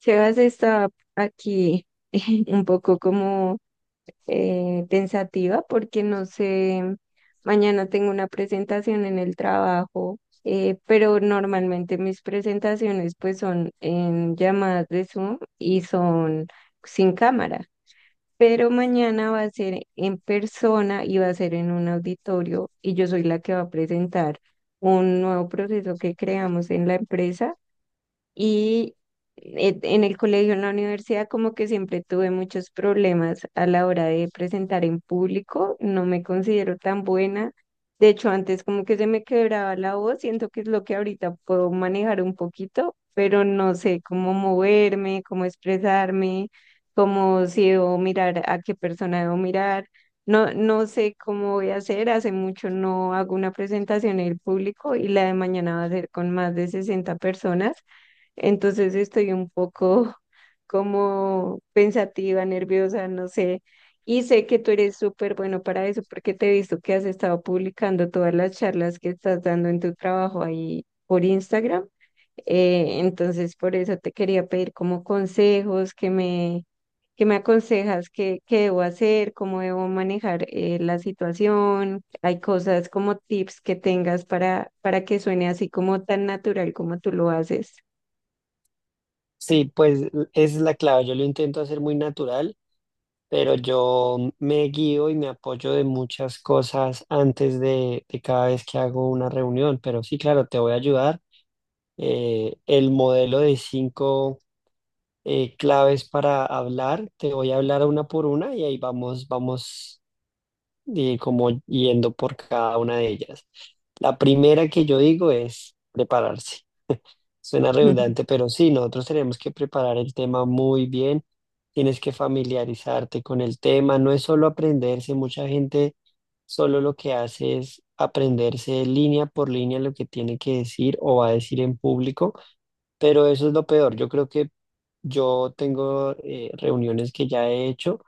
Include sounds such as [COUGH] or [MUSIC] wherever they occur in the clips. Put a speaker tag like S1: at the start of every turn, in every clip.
S1: Sebas está aquí [LAUGHS] un poco como pensativa porque no sé, mañana tengo una presentación en el trabajo. Pero normalmente mis presentaciones pues son en llamadas de Zoom y son sin cámara, pero mañana va a ser en persona y va a ser en un auditorio y yo soy la que va a presentar un nuevo proceso que creamos en la empresa y en el colegio, en la universidad, como que siempre tuve muchos problemas a la hora de presentar en público, no me considero tan buena. De hecho, antes como que se me quebraba la voz, siento que es lo que ahorita puedo manejar un poquito, pero no sé cómo moverme, cómo expresarme, cómo si debo mirar, a qué persona debo mirar. No, no sé cómo voy a hacer, hace mucho no hago una presentación en el público y la de mañana va a ser con más de 60 personas. Entonces estoy un poco [LAUGHS] como pensativa, nerviosa, no sé. Y sé que tú eres súper bueno para eso porque te he visto que has estado publicando todas las charlas que estás dando en tu trabajo ahí por Instagram. Entonces por eso te quería pedir como consejos que me aconsejas qué debo hacer, cómo debo manejar la situación. Hay cosas como tips que tengas para que suene así como tan natural como tú lo haces.
S2: Sí, pues esa es la clave. Yo lo intento hacer muy natural, pero yo me guío y me apoyo de muchas cosas antes de cada vez que hago una reunión. Pero sí, claro, te voy a ayudar. El modelo de 5 claves para hablar, te voy a hablar una por una y ahí vamos, como yendo por cada una de ellas. La primera que yo digo es prepararse. Suena
S1: [LAUGHS]
S2: redundante, pero sí, nosotros tenemos que preparar el tema muy bien, tienes que familiarizarte con el tema, no es solo aprenderse, mucha gente solo lo que hace es aprenderse línea por línea lo que tiene que decir o va a decir en público, pero eso es lo peor. Yo creo que yo tengo reuniones que ya he hecho,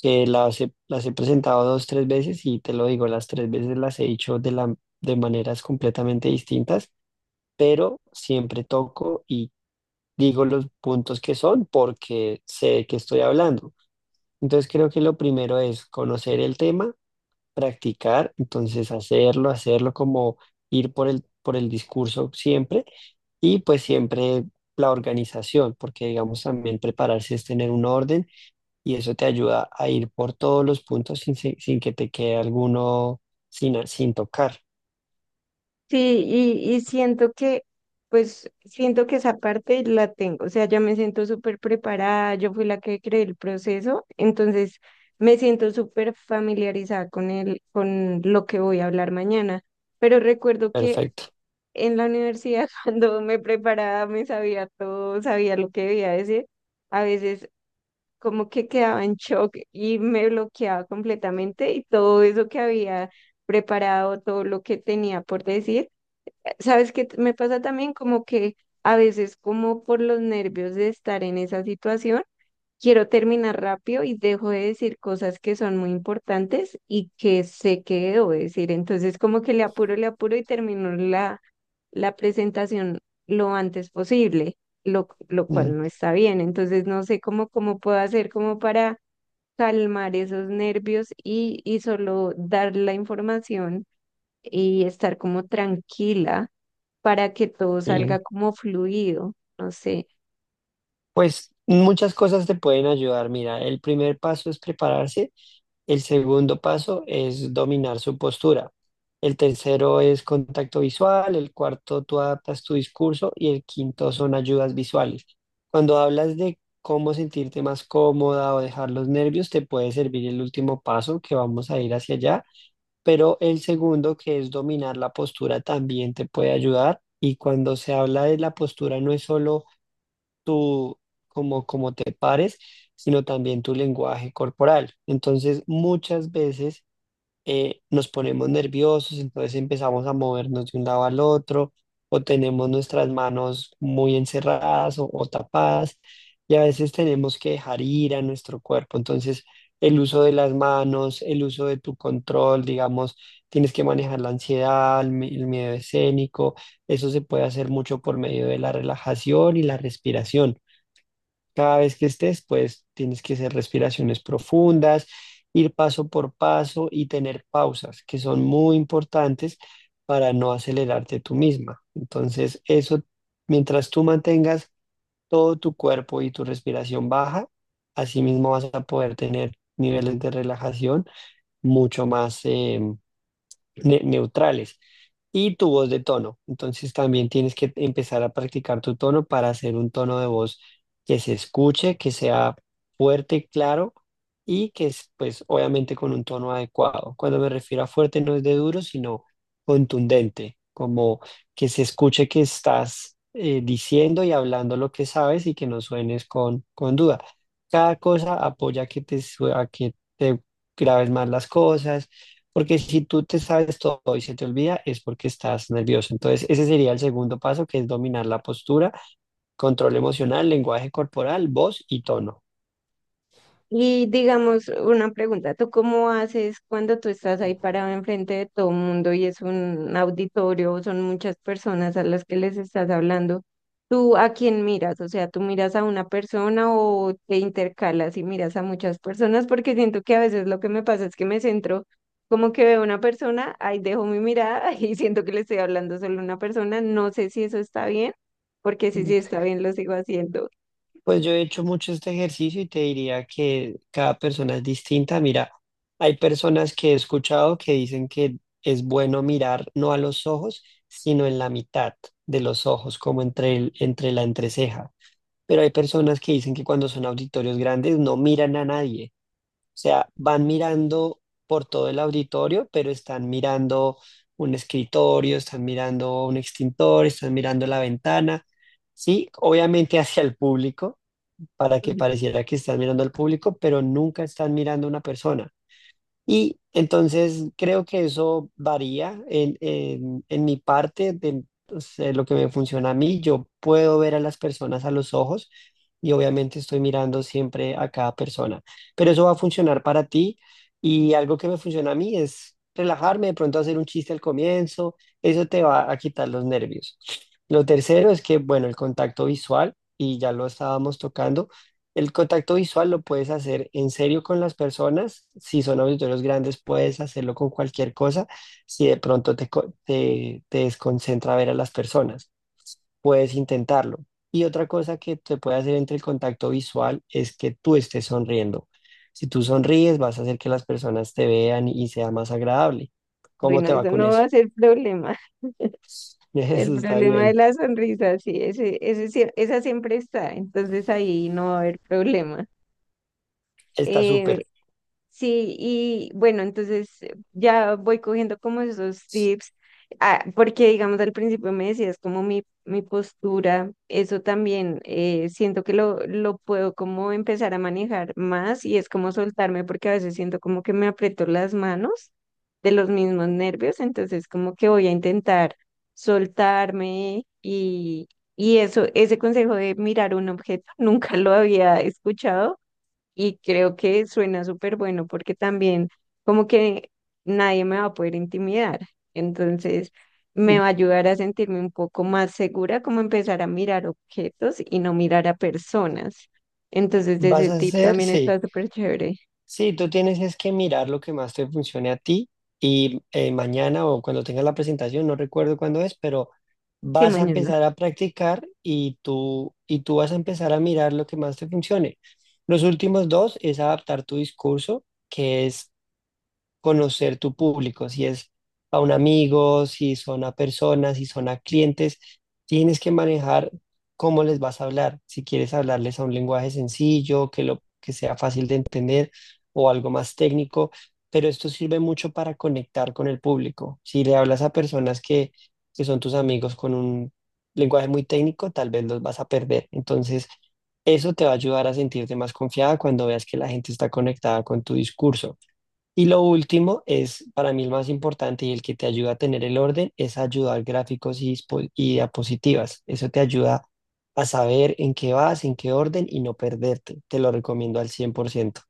S2: que las he presentado 2, 3 veces y te lo digo, las 3 veces las he hecho de maneras completamente distintas, pero siempre toco, digo los puntos que son porque sé de qué estoy hablando. Entonces creo que lo primero es conocer el tema, practicar, entonces hacerlo, hacerlo como ir por el discurso siempre, y pues siempre la organización, porque digamos también prepararse es tener un orden y eso te ayuda a ir por todos los puntos sin que te quede alguno sin tocar.
S1: Sí, y siento pues, siento que esa parte la tengo, o sea, yo me siento súper preparada, yo fui la que creé el proceso, entonces me siento súper familiarizada con el, con lo que voy a hablar mañana, pero recuerdo que
S2: Perfecto.
S1: en la universidad [LAUGHS] cuando me preparaba me sabía todo, sabía lo que debía decir, a veces como que quedaba en shock y me bloqueaba completamente y todo eso que había preparado, todo lo que tenía por decir. ¿Sabes qué me pasa también? Como que a veces, como por los nervios de estar en esa situación, quiero terminar rápido y dejo de decir cosas que son muy importantes y que sé que debo decir. Entonces, como que le apuro y termino la presentación lo antes posible, lo
S2: Mm,
S1: cual no está bien. Entonces, no sé cómo puedo hacer como para calmar esos nervios y solo dar la información y estar como tranquila para que todo salga
S2: sí,
S1: como fluido, no sé.
S2: pues muchas cosas te pueden ayudar. Mira, el primer paso es prepararse, el segundo paso es dominar su postura, el tercero es contacto visual, el cuarto tú adaptas tu discurso y el quinto son ayudas visuales. Cuando hablas de cómo sentirte más cómoda o dejar los nervios, te puede servir el último paso que vamos a ir hacia allá, pero el segundo, que es dominar la postura, también te puede ayudar. Y cuando se habla de la postura no es solo tu, como, como te pares, sino también tu lenguaje corporal. Entonces, muchas veces nos ponemos nerviosos, entonces empezamos a movernos de un lado al otro, o tenemos nuestras manos muy encerradas o tapadas, y a veces tenemos que dejar ir a nuestro cuerpo. Entonces, el uso de las manos, el uso de tu control, digamos, tienes que manejar la ansiedad, el miedo escénico. Eso se puede hacer mucho por medio de la relajación y la respiración. Cada vez que estés, pues tienes que hacer respiraciones profundas, ir paso por paso y tener pausas, que son muy importantes para no acelerarte tú misma. Entonces, eso, mientras tú mantengas todo tu cuerpo y tu respiración baja, así mismo vas a poder tener niveles de relajación mucho más, neutrales, y tu voz de tono. Entonces también tienes que empezar a practicar tu tono para hacer un tono de voz que se escuche, que sea fuerte, claro, y que es pues obviamente con un tono adecuado. Cuando me refiero a fuerte no es de duro, sino contundente, como que se escuche que estás diciendo y hablando lo que sabes y que no suenes con duda. Cada cosa apoya que te, sue- a que te grabes más las cosas, porque si tú te sabes todo y se te olvida, es porque estás nervioso. Entonces, ese sería el segundo paso, que es dominar la postura, control emocional, lenguaje corporal, voz y tono.
S1: Y digamos, una pregunta, ¿tú cómo haces cuando tú estás ahí parado enfrente de todo el mundo y es un auditorio, son muchas personas a las que les estás hablando? ¿Tú a quién miras? O sea, ¿tú miras a una persona o te intercalas y miras a muchas personas? Porque siento que a veces lo que me pasa es que me centro, como que veo una persona, ahí dejo mi mirada [LAUGHS] y siento que le estoy hablando solo a una persona. No sé si eso está bien, porque si sí está bien, lo sigo haciendo.
S2: Pues yo he hecho mucho este ejercicio y te diría que cada persona es distinta. Mira, hay personas que he escuchado que dicen que es bueno mirar no a los ojos, sino en la mitad de los ojos, como entre la entreceja. Pero hay personas que dicen que cuando son auditorios grandes no miran a nadie, sea, van mirando por todo el auditorio, pero están mirando un escritorio, están mirando un extintor, están mirando la ventana. Sí, obviamente hacia el público, para que
S1: [LAUGHS]
S2: pareciera que están mirando al público, pero nunca están mirando a una persona. Y entonces creo que eso varía en mi parte de pues, lo que me funciona a mí. Yo puedo ver a las personas a los ojos, y obviamente estoy mirando siempre a cada persona, pero eso va a funcionar para ti. Y algo que me funciona a mí es relajarme, de pronto hacer un chiste al comienzo, eso te va a quitar los nervios. Lo tercero es que, bueno, el contacto visual, y ya lo estábamos tocando. El contacto visual lo puedes hacer en serio con las personas. Si son auditorios grandes, puedes hacerlo con cualquier cosa. Si de pronto te desconcentra ver a las personas, puedes intentarlo. Y otra cosa que te puede hacer entre el contacto visual es que tú estés sonriendo. Si tú sonríes, vas a hacer que las personas te vean y sea más agradable. ¿Cómo
S1: Bueno,
S2: te va
S1: eso
S2: con
S1: no va
S2: eso?
S1: a ser problema.
S2: [LAUGHS]
S1: El
S2: Eso está
S1: problema de
S2: bien,
S1: la sonrisa, sí, esa siempre está, entonces ahí no va a haber problema.
S2: está
S1: Eh,
S2: súper.
S1: Sí, y bueno, entonces ya voy cogiendo como esos tips, ah, porque digamos al principio me decías como mi postura, eso también, siento que lo puedo como empezar a manejar más y es como soltarme porque a veces siento como que me aprieto las manos de los mismos nervios, entonces como que voy a intentar soltarme y eso, ese consejo de mirar un objeto, [LAUGHS] nunca lo había escuchado y creo que suena súper bueno porque también como que nadie me va a poder intimidar. Entonces me va a ayudar a sentirme un poco más segura, como empezar a mirar objetos y no mirar a personas. Entonces
S2: ¿Vas
S1: ese
S2: a
S1: tip
S2: hacer?
S1: también
S2: Sí.
S1: está súper chévere.
S2: Sí, tú tienes es que mirar lo que más te funcione a ti, y mañana o cuando tengas la presentación, no recuerdo cuándo es, pero
S1: Sí,
S2: vas a
S1: mañana.
S2: empezar a practicar y tú vas a empezar a mirar lo que más te funcione. Los últimos dos es adaptar tu discurso, que es conocer tu público, si es a un amigo, si son a personas, si son a clientes, tienes que manejar cómo les vas a hablar, si quieres hablarles a un lenguaje sencillo, que lo que sea fácil de entender, o algo más técnico, pero esto sirve mucho para conectar con el público. Si le hablas a personas que son tus amigos con un lenguaje muy técnico, tal vez los vas a perder. Entonces, eso te va a ayudar a sentirte más confiada cuando veas que la gente está conectada con tu discurso. Y lo último es para mí el más importante y el que te ayuda a tener el orden es ayudar gráficos y diapositivas. Eso te ayuda a saber en qué vas, en qué orden y no perderte. Te lo recomiendo al 100%.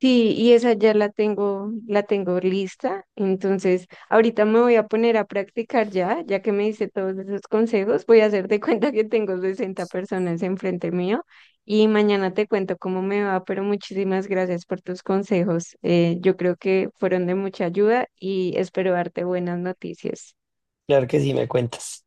S1: Sí, y esa ya la tengo lista. Entonces, ahorita me voy a poner a practicar ya, ya que me hice todos esos consejos, voy a hacer de [LAUGHS] cuenta que tengo 60 personas enfrente mío y mañana te cuento cómo me va, pero muchísimas gracias por tus consejos. Yo creo que fueron de mucha ayuda y espero darte buenas noticias.
S2: Claro que sí, me cuentas.